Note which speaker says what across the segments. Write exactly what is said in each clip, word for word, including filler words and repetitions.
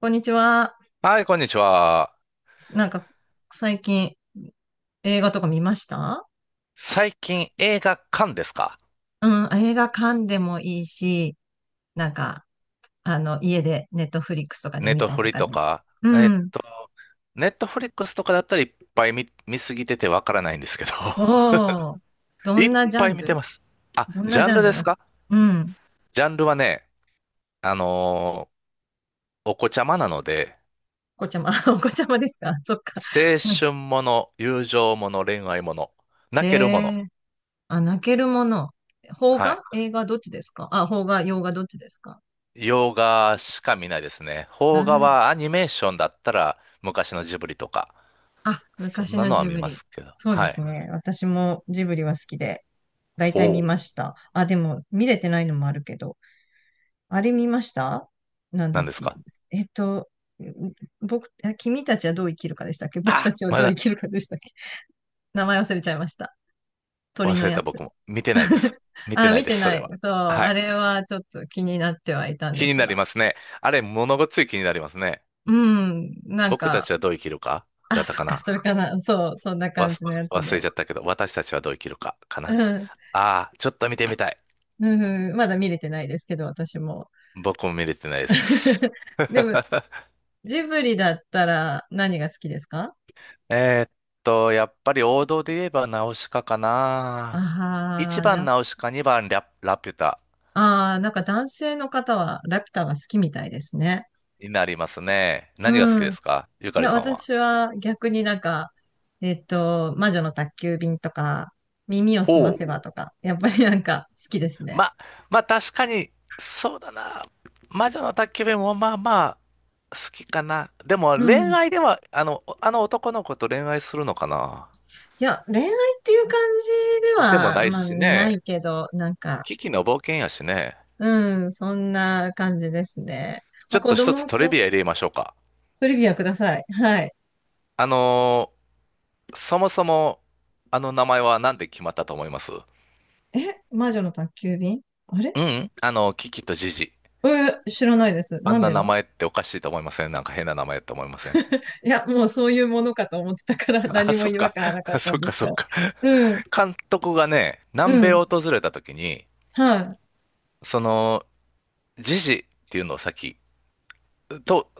Speaker 1: こんにちは。
Speaker 2: はい、こんにちは。
Speaker 1: なんか、最近映画とか見ました？
Speaker 2: 最近映画館ですか？
Speaker 1: うん、映画館でもいいし、なんか、あの、家でネットフリックスとかで
Speaker 2: ネッ
Speaker 1: 見
Speaker 2: ト
Speaker 1: た
Speaker 2: フ
Speaker 1: と
Speaker 2: リ
Speaker 1: か
Speaker 2: と
Speaker 1: でも。
Speaker 2: か。え
Speaker 1: う
Speaker 2: っ
Speaker 1: ん。
Speaker 2: と、ネットフリックスとかだったらいっぱい見、見すぎててわからないんですけど。
Speaker 1: おー、ど
Speaker 2: いっ
Speaker 1: んなジャ
Speaker 2: ぱい
Speaker 1: ン
Speaker 2: 見て
Speaker 1: ル
Speaker 2: ます。あ、
Speaker 1: どん
Speaker 2: ジ
Speaker 1: な
Speaker 2: ャ
Speaker 1: ジ
Speaker 2: ン
Speaker 1: ャ
Speaker 2: ル
Speaker 1: ン
Speaker 2: で
Speaker 1: ル
Speaker 2: す
Speaker 1: が？
Speaker 2: か？
Speaker 1: うん。
Speaker 2: ジャンルはね、あのーお子ちゃまなので、
Speaker 1: お子ちゃま、お子ちゃまですか？そっか。
Speaker 2: 青春もの、友情もの、恋愛もの、泣
Speaker 1: へ
Speaker 2: けるもの。
Speaker 1: えー、あ、泣けるもの。邦
Speaker 2: は
Speaker 1: 画
Speaker 2: い。
Speaker 1: 映画どっちですかあ、邦画、洋画どっちですか？
Speaker 2: 洋画しか見ないですね。
Speaker 1: う
Speaker 2: 邦画
Speaker 1: ん。
Speaker 2: はアニメーションだったら昔のジブリとか、
Speaker 1: あ、
Speaker 2: そん
Speaker 1: 昔
Speaker 2: な
Speaker 1: の
Speaker 2: のは
Speaker 1: ジ
Speaker 2: 見
Speaker 1: ブ
Speaker 2: ま
Speaker 1: リ。
Speaker 2: すけど。
Speaker 1: そうで
Speaker 2: は
Speaker 1: す
Speaker 2: い。
Speaker 1: ね。私もジブリは好きで。大体
Speaker 2: ほ
Speaker 1: 見
Speaker 2: う。
Speaker 1: ました。あ、でも、見れてないのもあるけど。あれ見ました？なんだ
Speaker 2: 何
Speaker 1: っ
Speaker 2: です
Speaker 1: け？
Speaker 2: か？
Speaker 1: えっと、ん僕、あ、君たちはどう生きるかでしたっけ？僕
Speaker 2: あ、
Speaker 1: たちは
Speaker 2: ま
Speaker 1: どう生
Speaker 2: だ
Speaker 1: きるかでしたっけ？ 名前忘れちゃいました。鳥
Speaker 2: 忘
Speaker 1: の
Speaker 2: れ
Speaker 1: や
Speaker 2: た
Speaker 1: つ。
Speaker 2: 僕も。見てないです。見て
Speaker 1: あ、
Speaker 2: ない
Speaker 1: 見
Speaker 2: で
Speaker 1: て
Speaker 2: す、そ
Speaker 1: な
Speaker 2: れ
Speaker 1: い。
Speaker 2: は。
Speaker 1: そう、
Speaker 2: は
Speaker 1: あ
Speaker 2: い。
Speaker 1: れはちょっと気になってはいたん
Speaker 2: 気
Speaker 1: で
Speaker 2: に
Speaker 1: す
Speaker 2: なり
Speaker 1: が。
Speaker 2: ますね。あれ、物ごっつい気になりますね。
Speaker 1: うん、なん
Speaker 2: 僕た
Speaker 1: か、
Speaker 2: ちはどう生きるかだ
Speaker 1: あ、
Speaker 2: った
Speaker 1: そっ
Speaker 2: か
Speaker 1: か、
Speaker 2: な。
Speaker 1: それかな。そう、そんな
Speaker 2: わ
Speaker 1: 感
Speaker 2: す、
Speaker 1: じのやつ
Speaker 2: 忘
Speaker 1: で。
Speaker 2: れちゃったけど、私たちはどう生きるかかな。
Speaker 1: うん、
Speaker 2: ああ、ちょっと見てみたい。
Speaker 1: うん、まだ見れてないですけど、私も。
Speaker 2: 僕も見れてないです。
Speaker 1: でも、ジブリだったら何が好きですか？
Speaker 2: えーっと、やっぱり王道で言えばナウシカかな。
Speaker 1: あ
Speaker 2: 1
Speaker 1: あ、
Speaker 2: 番
Speaker 1: 男
Speaker 2: ナウシカ、にばんラ、ラピュタ
Speaker 1: ああー、なんか男性の方はラピュタが好きみたいですね。
Speaker 2: になりますね。何が好き
Speaker 1: う
Speaker 2: で
Speaker 1: ん。
Speaker 2: すか、ゆか
Speaker 1: い
Speaker 2: り
Speaker 1: や、
Speaker 2: さんは？
Speaker 1: 私は逆になんか、えっと、魔女の宅急便とか、耳をすま
Speaker 2: ほう。
Speaker 1: せばとか、やっぱりなんか好きですね。
Speaker 2: ま、まあ確かに、そうだな。魔女の宅急便もまあまあ好きかな。でも
Speaker 1: うん。
Speaker 2: 恋
Speaker 1: い
Speaker 2: 愛では、あの、あの男の子と恋愛するのかな。
Speaker 1: や、恋愛っていう感じで
Speaker 2: でもな
Speaker 1: は、
Speaker 2: い
Speaker 1: まあ、
Speaker 2: し
Speaker 1: な
Speaker 2: ね。
Speaker 1: いけど、なんか、
Speaker 2: キキの冒険やしね。
Speaker 1: うん、そんな感じですね。
Speaker 2: ち
Speaker 1: まあ、
Speaker 2: ょっ
Speaker 1: 子
Speaker 2: と一つ
Speaker 1: 供
Speaker 2: トリ
Speaker 1: と。
Speaker 2: ビア入れましょうか。
Speaker 1: トリビアください。はい。
Speaker 2: あのーそもそも、あの名前はなんで決まったと思います？
Speaker 1: え、魔女の宅急便？あれ？
Speaker 2: うん、あの、キキとジジ。
Speaker 1: えー知らないです。
Speaker 2: あ
Speaker 1: な
Speaker 2: ん
Speaker 1: ん
Speaker 2: な
Speaker 1: で
Speaker 2: 名
Speaker 1: だ？
Speaker 2: 前っておかしいと思いません？なんか変な名前って思いません？
Speaker 1: いや、もうそういうものかと思ってたから、
Speaker 2: あ、
Speaker 1: 何も
Speaker 2: そっ
Speaker 1: 違和
Speaker 2: か。
Speaker 1: 感はなかっ た
Speaker 2: そ
Speaker 1: ん
Speaker 2: っ
Speaker 1: で
Speaker 2: か、
Speaker 1: す
Speaker 2: そ
Speaker 1: が。
Speaker 2: っか。
Speaker 1: うん、
Speaker 2: 監督がね、
Speaker 1: う
Speaker 2: 南米
Speaker 1: ん、
Speaker 2: を訪れた時に、
Speaker 1: は
Speaker 2: その、ジジっていうのを先と、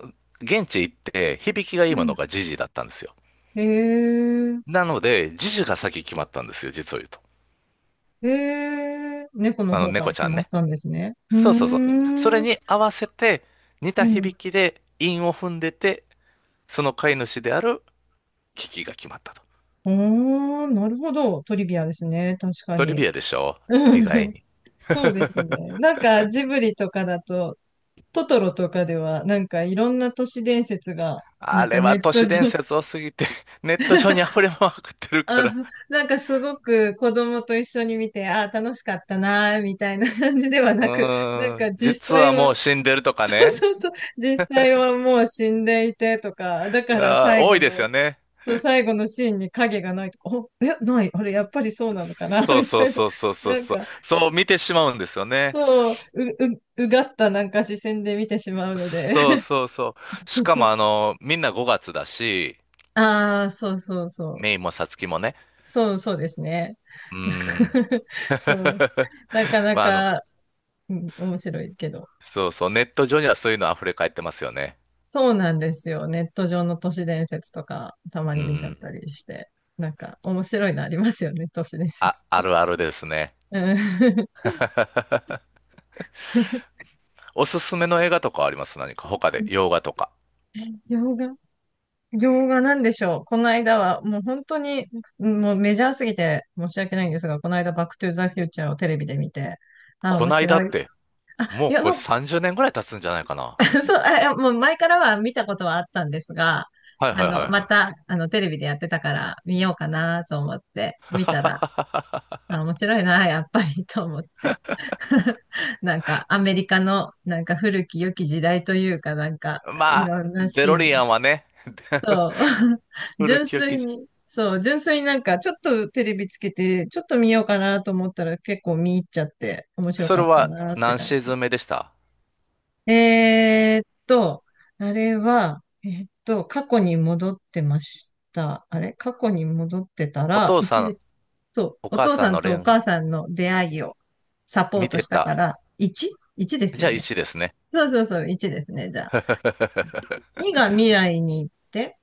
Speaker 2: 現地行って響きがい
Speaker 1: い。
Speaker 2: い
Speaker 1: う
Speaker 2: も
Speaker 1: ん。
Speaker 2: のがジジだったんですよ。
Speaker 1: へえ、
Speaker 2: なので、ジジが先決まったんですよ、実を言うと。
Speaker 1: へえ、猫の
Speaker 2: あの、
Speaker 1: 方か
Speaker 2: 猫
Speaker 1: ら
Speaker 2: ち
Speaker 1: 決
Speaker 2: ゃん
Speaker 1: まっ
Speaker 2: ね。
Speaker 1: たんですね。う
Speaker 2: そうそうそう。
Speaker 1: ー
Speaker 2: それに
Speaker 1: ん、
Speaker 2: 合わせて、似た
Speaker 1: う
Speaker 2: 響
Speaker 1: ん。
Speaker 2: きで韻を踏んでて、その飼い主であるキキが決まったと。
Speaker 1: おー、なるほど。トリビアですね。確か
Speaker 2: トリ
Speaker 1: に。
Speaker 2: ビアでしょ？
Speaker 1: う
Speaker 2: 意
Speaker 1: ん、
Speaker 2: 外に。
Speaker 1: そうですね。なんかジブリとかだと、トトロとかでは、なんかいろんな都市伝説が、な
Speaker 2: あ
Speaker 1: ん
Speaker 2: れ
Speaker 1: かネ
Speaker 2: は
Speaker 1: ッ
Speaker 2: 都
Speaker 1: ト
Speaker 2: 市
Speaker 1: 上。
Speaker 2: 伝説多すぎて、ネット上に溢れまくってるか
Speaker 1: あ、
Speaker 2: ら。
Speaker 1: なんかすごく子供と一緒に見て、ああ、楽しかったなー、みたいな感じでは
Speaker 2: う
Speaker 1: なく、なん
Speaker 2: ー
Speaker 1: か
Speaker 2: ん、
Speaker 1: 実
Speaker 2: 実
Speaker 1: 際
Speaker 2: はも
Speaker 1: は、
Speaker 2: う 死んでるとか
Speaker 1: そう
Speaker 2: ね。
Speaker 1: そうそう、実際はもう死んでいてとか、だから
Speaker 2: あー、
Speaker 1: 最
Speaker 2: 多
Speaker 1: 後
Speaker 2: いです
Speaker 1: の、
Speaker 2: よね。
Speaker 1: そう最後のシーンに影がないとか、お、え、ない、あれ、やっぱりそうなのかな、
Speaker 2: そう
Speaker 1: み
Speaker 2: そ
Speaker 1: た
Speaker 2: う
Speaker 1: いな。
Speaker 2: そうそうそ
Speaker 1: な
Speaker 2: う
Speaker 1: ん
Speaker 2: そう。
Speaker 1: か、
Speaker 2: そう見てしまうんですよね。
Speaker 1: そう、う、う、うがったなんか視線で見てしまうので。
Speaker 2: そうそうそう。しかもあ の、みんなごがつだし、
Speaker 1: ああ、そうそうそう。
Speaker 2: メイもサツキもね。
Speaker 1: そうそうですね。
Speaker 2: うーん。
Speaker 1: そう。なかな
Speaker 2: まあ、あの、
Speaker 1: か、うん、面白いけど。
Speaker 2: そうそう。ネット上にはそういうの溢れ返ってますよね。
Speaker 1: そうなんですよ。ネット上の都市伝説とか、たま
Speaker 2: う
Speaker 1: に見ちゃ
Speaker 2: ー
Speaker 1: った
Speaker 2: ん。
Speaker 1: りして。なんか、面白いのありますよね、都市伝
Speaker 2: あ、
Speaker 1: 説。
Speaker 2: あるあるですね。
Speaker 1: うん。
Speaker 2: おすすめの映画とかあります？何か他で、洋画とか。
Speaker 1: 洋画？洋画なんでしょう。この間は、もう本当に、もうメジャーすぎて申し訳ないんですが、この間、バックトゥーザフューチャーをテレビで見て、ああ、
Speaker 2: こ
Speaker 1: 面
Speaker 2: ないだ
Speaker 1: 白
Speaker 2: っ
Speaker 1: い。
Speaker 2: て、も
Speaker 1: い
Speaker 2: う
Speaker 1: や、
Speaker 2: これ
Speaker 1: の
Speaker 2: さんじゅうねんぐらい経つんじゃないかな。
Speaker 1: そう、あいやもう前からは見たことはあったんですが、
Speaker 2: はい
Speaker 1: あ
Speaker 2: はいはい
Speaker 1: の、ま
Speaker 2: はい。
Speaker 1: た、あの、テレビでやってたから見ようかなと思って見たら、あ、面白いな、やっぱりと思って。なんかアメリカのなんか古き良き時代というか、なんかい
Speaker 2: まあ、
Speaker 1: ろんな
Speaker 2: デ
Speaker 1: シ
Speaker 2: ロ
Speaker 1: ー
Speaker 2: リア
Speaker 1: ン。
Speaker 2: ンはね、古
Speaker 1: 純
Speaker 2: き良
Speaker 1: 粋
Speaker 2: き。
Speaker 1: に、そう、純粋になんかちょっとテレビつけてちょっと見ようかなと思ったら結構見入っちゃって面白
Speaker 2: そ
Speaker 1: か
Speaker 2: れ
Speaker 1: った
Speaker 2: は
Speaker 1: なって
Speaker 2: 何
Speaker 1: 感
Speaker 2: シー
Speaker 1: じ。
Speaker 2: ズン目でした？
Speaker 1: えーっと、あれは、えーっと、過去に戻ってました。あれ、過去に戻ってた
Speaker 2: お
Speaker 1: ら、
Speaker 2: 父さ
Speaker 1: 一で
Speaker 2: ん、
Speaker 1: す。そ
Speaker 2: お
Speaker 1: う、お
Speaker 2: 母
Speaker 1: 父
Speaker 2: さ
Speaker 1: さ
Speaker 2: ん
Speaker 1: ん
Speaker 2: の恋
Speaker 1: とお
Speaker 2: 愛
Speaker 1: 母さんの出会いをサポー
Speaker 2: 見
Speaker 1: ト
Speaker 2: て
Speaker 1: したか
Speaker 2: た。
Speaker 1: ら、いち?いち です
Speaker 2: じゃ
Speaker 1: よ
Speaker 2: あ
Speaker 1: ね。
Speaker 2: いちですね。
Speaker 1: そうそうそう、いちですね、じゃあ。にが未来に行って、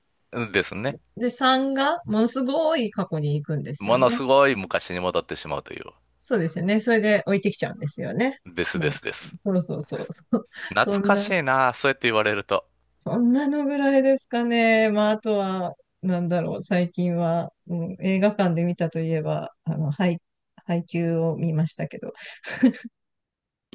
Speaker 2: ですね。
Speaker 1: で、さんがものすごい過去に行くんです
Speaker 2: も
Speaker 1: よ
Speaker 2: の
Speaker 1: ね。
Speaker 2: すごい昔に戻ってしまうという。
Speaker 1: そうですよね。それで置いてきちゃうんですよね。
Speaker 2: ですで
Speaker 1: も
Speaker 2: すです。
Speaker 1: う、そうそうそう。そう、そ
Speaker 2: 懐
Speaker 1: ん
Speaker 2: かし
Speaker 1: な、
Speaker 2: いな、そうやって言われると。
Speaker 1: そんなのぐらいですかね。まあ、あとは、なんだろう、最近は、うん、映画館で見たといえば、あの、ハイ、ハイを見ましたけど、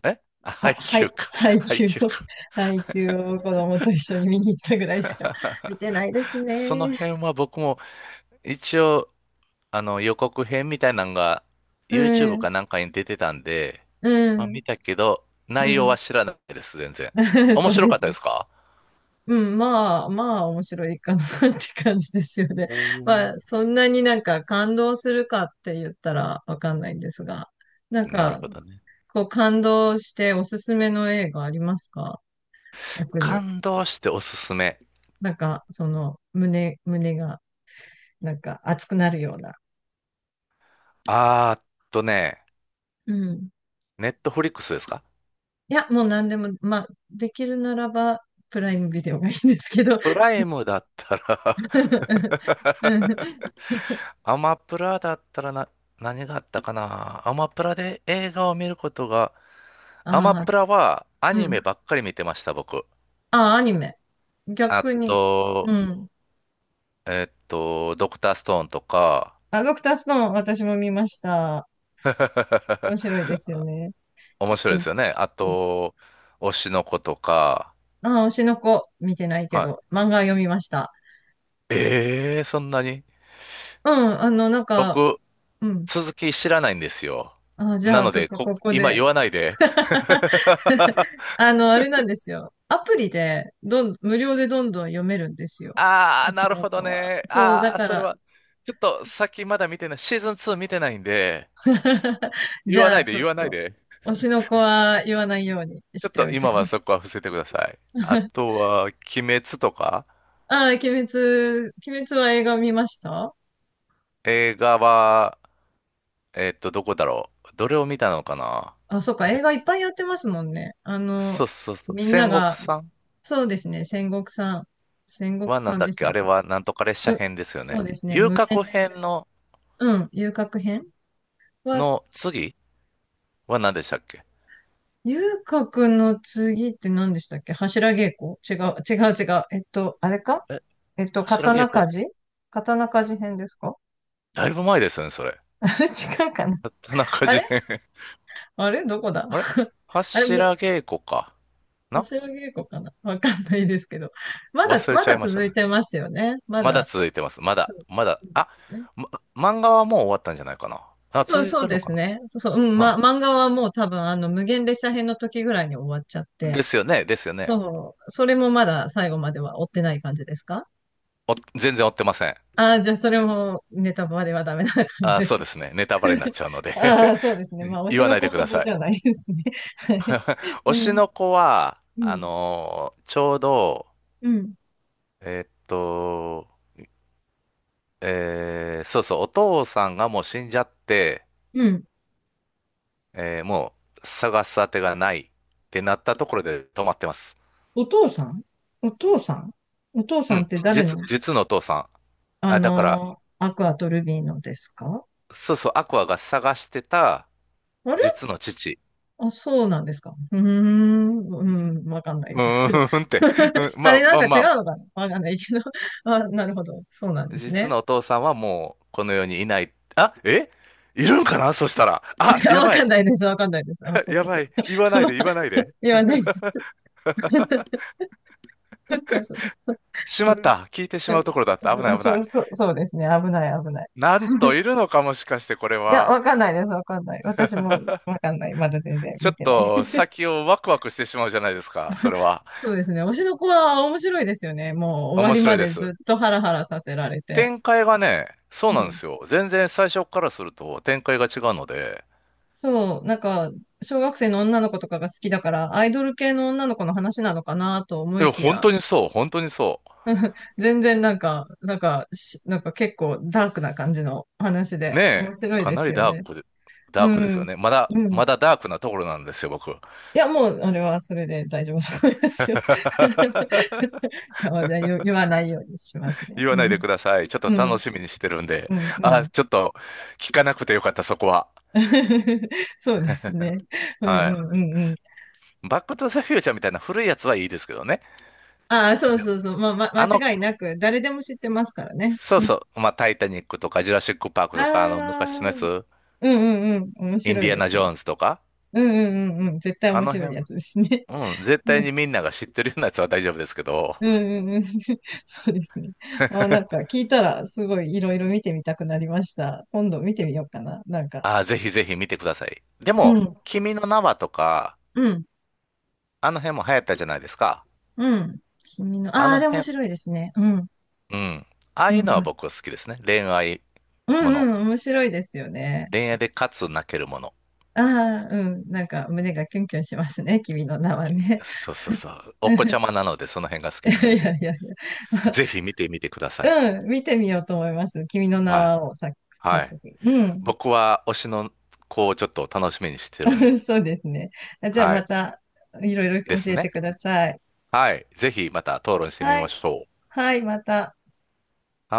Speaker 2: えあ
Speaker 1: あ、
Speaker 2: 配
Speaker 1: は
Speaker 2: 給
Speaker 1: い、
Speaker 2: か。
Speaker 1: ハイを、
Speaker 2: 配給 か。
Speaker 1: ハイを子供と一緒に見に行ったぐらいしか見てない です
Speaker 2: その
Speaker 1: ね。
Speaker 2: 辺は僕も一応あの、予告編みたいなのが
Speaker 1: う
Speaker 2: YouTube
Speaker 1: ん、
Speaker 2: かなんかに出てたんで、
Speaker 1: う
Speaker 2: まあ
Speaker 1: ん、
Speaker 2: 見たけど、
Speaker 1: う
Speaker 2: 内容は
Speaker 1: ん。
Speaker 2: 知らないです、全然。面
Speaker 1: そう
Speaker 2: 白
Speaker 1: で
Speaker 2: かっ
Speaker 1: す
Speaker 2: たで
Speaker 1: ね。
Speaker 2: すか？
Speaker 1: うん、まあ、まあ、面白いかな って感じですよね。
Speaker 2: おー、
Speaker 1: まあ、そんなになんか感動するかって言ったらわかんないんですが、なん
Speaker 2: なる
Speaker 1: か、
Speaker 2: ほどね。
Speaker 1: こう感動しておすすめの映画ありますか？逆に。
Speaker 2: 感動しておすすめ。
Speaker 1: なんか、その、胸、胸が、なんか熱くなるような。
Speaker 2: あーっとね、
Speaker 1: うん。
Speaker 2: ネットフリックスですか？
Speaker 1: いや、もう何でも、まあ、できるならば、プライムビデオがいいんですけど。
Speaker 2: プライムだったら。
Speaker 1: う ん。
Speaker 2: アマプラだったらな、何があったかな、アマプラで映画を見ることが、アマ
Speaker 1: ああ、
Speaker 2: プラはア
Speaker 1: う
Speaker 2: ニメ
Speaker 1: ん。
Speaker 2: ばっかり見てました、僕。
Speaker 1: ああ、アニメ。
Speaker 2: あ
Speaker 1: 逆に。う
Speaker 2: と、
Speaker 1: ん。
Speaker 2: えっと、ドクターストーンとか、
Speaker 1: あ、ドクターストーン、私も見ました。面白い ですよね。
Speaker 2: 面白いで
Speaker 1: 勉
Speaker 2: すよね。あ
Speaker 1: 強
Speaker 2: と、推しの子とか、
Speaker 1: ああ、推しの子、見てないけ
Speaker 2: は
Speaker 1: ど、漫画読みました。
Speaker 2: い。ええー、そんなに？
Speaker 1: うん、あの、なんか、
Speaker 2: 僕、
Speaker 1: うん。
Speaker 2: 続き知らないんですよ。
Speaker 1: あ、じゃ
Speaker 2: な
Speaker 1: あ、
Speaker 2: の
Speaker 1: ちょっ
Speaker 2: で、
Speaker 1: と
Speaker 2: こ、
Speaker 1: ここ
Speaker 2: 今
Speaker 1: で。
Speaker 2: 言わないで。
Speaker 1: あの、あれなんですよ。アプリで、どん、無料でどんどん読めるんですよ。
Speaker 2: あ
Speaker 1: 推
Speaker 2: あ、な
Speaker 1: し
Speaker 2: る
Speaker 1: の
Speaker 2: ほど
Speaker 1: 子は。
Speaker 2: ね。
Speaker 1: そう、だ
Speaker 2: ああ、
Speaker 1: か
Speaker 2: それ
Speaker 1: ら
Speaker 2: は、ちょっと先まだ見てない、シーズンツー見てないんで、言
Speaker 1: じ
Speaker 2: わ
Speaker 1: ゃ
Speaker 2: な
Speaker 1: あ、
Speaker 2: いで、
Speaker 1: ちょっ
Speaker 2: 言わない
Speaker 1: と、
Speaker 2: で。
Speaker 1: 推しの子は言わないように
Speaker 2: ちょ
Speaker 1: し
Speaker 2: っ
Speaker 1: て
Speaker 2: と
Speaker 1: おき
Speaker 2: 今は
Speaker 1: ま
Speaker 2: そ
Speaker 1: す。
Speaker 2: こは伏せてください。あ とは、鬼滅とか、
Speaker 1: ああ、鬼滅、鬼滅は映画見ました？
Speaker 2: 映画はえーっと、どこだろう。どれを見たのかな？
Speaker 1: あ、そうか、
Speaker 2: え、
Speaker 1: 映画いっぱいやってますもんね。あの、
Speaker 2: そうそうそう。
Speaker 1: みんな
Speaker 2: 戦国
Speaker 1: が、
Speaker 2: さん
Speaker 1: そうですね、戦国さん、戦国
Speaker 2: はな
Speaker 1: さ
Speaker 2: ん
Speaker 1: ん
Speaker 2: だ
Speaker 1: で
Speaker 2: っ
Speaker 1: し
Speaker 2: け？
Speaker 1: たっ
Speaker 2: あれ
Speaker 1: け？
Speaker 2: はなんとか列車
Speaker 1: む
Speaker 2: 編ですよ
Speaker 1: そう
Speaker 2: ね。
Speaker 1: ですね、
Speaker 2: 遊
Speaker 1: 無
Speaker 2: 郭
Speaker 1: 限列車。
Speaker 2: 編の、
Speaker 1: うん、遊郭編は、
Speaker 2: の次は何でしたっけ？
Speaker 1: ゆうかくんの次って何でしたっけ？柱稽古？違う、違う、違う。えっと、あれか？
Speaker 2: え、
Speaker 1: えっと、
Speaker 2: 柱稽
Speaker 1: 刀鍛
Speaker 2: 古
Speaker 1: 冶刀鍛冶編ですか？
Speaker 2: だいぶ前ですよね、それ。
Speaker 1: あれ違うかな？
Speaker 2: 田中
Speaker 1: あ
Speaker 2: 事
Speaker 1: れ、
Speaker 2: 変。
Speaker 1: あれどこだ？
Speaker 2: あれ
Speaker 1: あれ、む
Speaker 2: 柱稽古か。な
Speaker 1: 柱稽古かなわかんないですけど。まだ、
Speaker 2: 忘れ
Speaker 1: ま
Speaker 2: ちゃい
Speaker 1: だ
Speaker 2: ました
Speaker 1: 続い
Speaker 2: ね。
Speaker 1: てますよね。ま
Speaker 2: まだ
Speaker 1: だ。
Speaker 2: 続いてます。まだ、まだ。あ、
Speaker 1: うん。
Speaker 2: ま、漫画はもう終わったんじゃないかな。あ、
Speaker 1: そう、
Speaker 2: 続い
Speaker 1: そう
Speaker 2: てる
Speaker 1: で
Speaker 2: のか
Speaker 1: す
Speaker 2: な？
Speaker 1: ね。そう、そう、うん、
Speaker 2: は
Speaker 1: ま、漫画はもう多分、あの、無限列車編の時ぐらいに終わっちゃっ
Speaker 2: い。
Speaker 1: て、
Speaker 2: ですよね、ですよね。
Speaker 1: そう、それもまだ最後までは追ってない感じですか？
Speaker 2: お、全然追ってません。
Speaker 1: ああ、じゃあそれもネタバレはダメな感じ
Speaker 2: あ、
Speaker 1: で
Speaker 2: そう
Speaker 1: す。
Speaker 2: ですね。ネタバレになっ ちゃうので。
Speaker 1: ああ、そうですね。まあ、推
Speaker 2: 言
Speaker 1: し
Speaker 2: わ
Speaker 1: の
Speaker 2: ない
Speaker 1: 子
Speaker 2: でく
Speaker 1: ほ
Speaker 2: だ
Speaker 1: ど
Speaker 2: さ
Speaker 1: じ
Speaker 2: い。
Speaker 1: ゃないですね。はい。
Speaker 2: 推
Speaker 1: う
Speaker 2: し
Speaker 1: ん、
Speaker 2: の子は、
Speaker 1: う
Speaker 2: あ
Speaker 1: ん、
Speaker 2: のーちょうど、
Speaker 1: うん、
Speaker 2: えーっと、えーそうそう、お父さんがもう死んじゃって、
Speaker 1: うん。
Speaker 2: えーもう探す当てがないってなったところで止まってます。
Speaker 1: お父さんお父さんお父
Speaker 2: う
Speaker 1: さんっ
Speaker 2: ん、
Speaker 1: て誰の？
Speaker 2: 実、実のお父さん。
Speaker 1: あ
Speaker 2: あ、だから、
Speaker 1: のーアクアとルビーのですか？
Speaker 2: そうそう、アクアが探してた
Speaker 1: あれ？
Speaker 2: 実の父。
Speaker 1: あ、そうなんですか。うーん、うん、わかんない
Speaker 2: う
Speaker 1: ですけど。
Speaker 2: ーんって。うん、ま
Speaker 1: あ
Speaker 2: あ
Speaker 1: れ、なん
Speaker 2: まあ
Speaker 1: か
Speaker 2: ま
Speaker 1: 違
Speaker 2: あ、
Speaker 1: うのかな、わかんないけど。あ、なるほど。そうなんです
Speaker 2: 実
Speaker 1: ね。
Speaker 2: のお父さんはもうこの世にいない。あ、え、いるんかなそしたら。
Speaker 1: い
Speaker 2: あ、
Speaker 1: や、
Speaker 2: や
Speaker 1: わ
Speaker 2: ば
Speaker 1: か
Speaker 2: い。
Speaker 1: んないです。わかんないです。あ、そう
Speaker 2: や
Speaker 1: か、そ
Speaker 2: ば
Speaker 1: う
Speaker 2: い。
Speaker 1: か。
Speaker 2: 言わ ない
Speaker 1: まあ、
Speaker 2: で、言わないで。
Speaker 1: 言わないです。なんかそう、
Speaker 2: し
Speaker 1: う
Speaker 2: まっ
Speaker 1: ん、
Speaker 2: た。聞いてしまうところだった。危ない、危な
Speaker 1: そ
Speaker 2: い。
Speaker 1: う、そう、そうですね。危ない、危ない。
Speaker 2: なんと、 いるのか、もしかしてこれ
Speaker 1: いや、
Speaker 2: は。
Speaker 1: わかんないです、わかんない。私もわかんない。まだ全然
Speaker 2: ちょ
Speaker 1: 見
Speaker 2: っ
Speaker 1: てない。
Speaker 2: と 先をワクワクしてしまうじゃないですか。それは。
Speaker 1: そうですね。推しの子は面白いですよね。もう終わ
Speaker 2: 面
Speaker 1: り
Speaker 2: 白
Speaker 1: ま
Speaker 2: いで
Speaker 1: でず
Speaker 2: す。
Speaker 1: っとハラハラさせられて。
Speaker 2: 展開がね、そう
Speaker 1: う
Speaker 2: なんで
Speaker 1: ん。
Speaker 2: すよ。全然最初からすると展開が違うので。
Speaker 1: そう、なんか、小学生の女の子とかが好きだから、アイドル系の女の子の話なのかなと思
Speaker 2: い
Speaker 1: い
Speaker 2: や、
Speaker 1: き
Speaker 2: 本
Speaker 1: や、
Speaker 2: 当にそう、本当にそ
Speaker 1: 全然なんか、なんかし、なんか結構ダークな感じの話
Speaker 2: う。
Speaker 1: で、
Speaker 2: ね
Speaker 1: 面
Speaker 2: え、
Speaker 1: 白い
Speaker 2: か
Speaker 1: で
Speaker 2: な
Speaker 1: す
Speaker 2: り
Speaker 1: よ
Speaker 2: ダー
Speaker 1: ね。
Speaker 2: クで、
Speaker 1: う
Speaker 2: ダークですよ
Speaker 1: ん。
Speaker 2: ね。まだ、
Speaker 1: うん。
Speaker 2: まだダークなところなんですよ、僕。
Speaker 1: いや、もう、あれはそれで大丈夫そうですよ。い やまあ言言わないようにしますね。
Speaker 2: 言わ
Speaker 1: う
Speaker 2: ないで
Speaker 1: ん。
Speaker 2: ください。ちょっと
Speaker 1: う
Speaker 2: 楽
Speaker 1: ん。
Speaker 2: しみにしてるんで。
Speaker 1: うん。う
Speaker 2: あ、
Speaker 1: ん。
Speaker 2: ちょっと聞かなくてよかった、そこは。
Speaker 1: そうですね。うんう
Speaker 2: はい。
Speaker 1: んうんうん。
Speaker 2: バックトゥザフューチャーみたいな古いやつはいいですけどね。
Speaker 1: ああ、そう
Speaker 2: じゃ
Speaker 1: そうそう。まあ、ま、
Speaker 2: あの、
Speaker 1: 間違いなく、誰でも知ってますからね。
Speaker 2: そう
Speaker 1: うん。
Speaker 2: そう、まあ、タイタニックとか、ジュラシックパーク
Speaker 1: あ
Speaker 2: とか、あの、昔
Speaker 1: あ、
Speaker 2: のや
Speaker 1: うん
Speaker 2: つ、
Speaker 1: うんうん。面
Speaker 2: イン
Speaker 1: 白
Speaker 2: デ
Speaker 1: い
Speaker 2: ィア
Speaker 1: です
Speaker 2: ナ・ジョ
Speaker 1: ね。
Speaker 2: ーンズとか、
Speaker 1: うんうんうんうん。絶対
Speaker 2: あ
Speaker 1: 面
Speaker 2: の
Speaker 1: 白いや
Speaker 2: 辺、
Speaker 1: つですね。
Speaker 2: うん、絶
Speaker 1: う
Speaker 2: 対
Speaker 1: ん
Speaker 2: にみんなが知ってるようなやつは大丈夫ですけど、
Speaker 1: うんうんうん。そうですね。ああ、なんか聞いたら、すごいいろいろ見てみたくなりました。今度見てみようかな。なんか。
Speaker 2: あ、ぜひぜひ見てください。で
Speaker 1: う
Speaker 2: も、
Speaker 1: ん。
Speaker 2: 君の名はとか、
Speaker 1: うん。
Speaker 2: あの辺も流行ったじゃないですか。
Speaker 1: うん。君の、
Speaker 2: あ
Speaker 1: ああ、あ
Speaker 2: の
Speaker 1: れ面
Speaker 2: 辺、
Speaker 1: 白いですね。うん。
Speaker 2: うん。ああ
Speaker 1: うん
Speaker 2: い
Speaker 1: う
Speaker 2: うのは
Speaker 1: ん。
Speaker 2: 僕好きですね。恋愛
Speaker 1: う
Speaker 2: もの。
Speaker 1: んうん、面白いですよね。
Speaker 2: 恋愛でかつ泣けるもの。
Speaker 1: ああ、うん。なんか胸がキュンキュンしますね。君の名はね。
Speaker 2: そうそうそう。
Speaker 1: う
Speaker 2: お子ちゃま
Speaker 1: ん、
Speaker 2: なのでその辺が好き
Speaker 1: い
Speaker 2: なん
Speaker 1: や
Speaker 2: で
Speaker 1: い
Speaker 2: すよ。
Speaker 1: やいやい
Speaker 2: ぜひ見てみてください。
Speaker 1: や。うん。見てみようと思います。君の名
Speaker 2: はい。
Speaker 1: はをさ、早
Speaker 2: はい。
Speaker 1: 速。うん。
Speaker 2: 僕は推しの子をちょっと楽しみにしてるんで。
Speaker 1: そうですね。じゃあ
Speaker 2: は
Speaker 1: ま
Speaker 2: い。
Speaker 1: た、いろいろ
Speaker 2: で
Speaker 1: 教
Speaker 2: す
Speaker 1: えて
Speaker 2: ね。
Speaker 1: ください。
Speaker 2: はい。ぜひまた討論してみ
Speaker 1: は
Speaker 2: ま
Speaker 1: い。
Speaker 2: しょ
Speaker 1: はい、また。
Speaker 2: う。はい。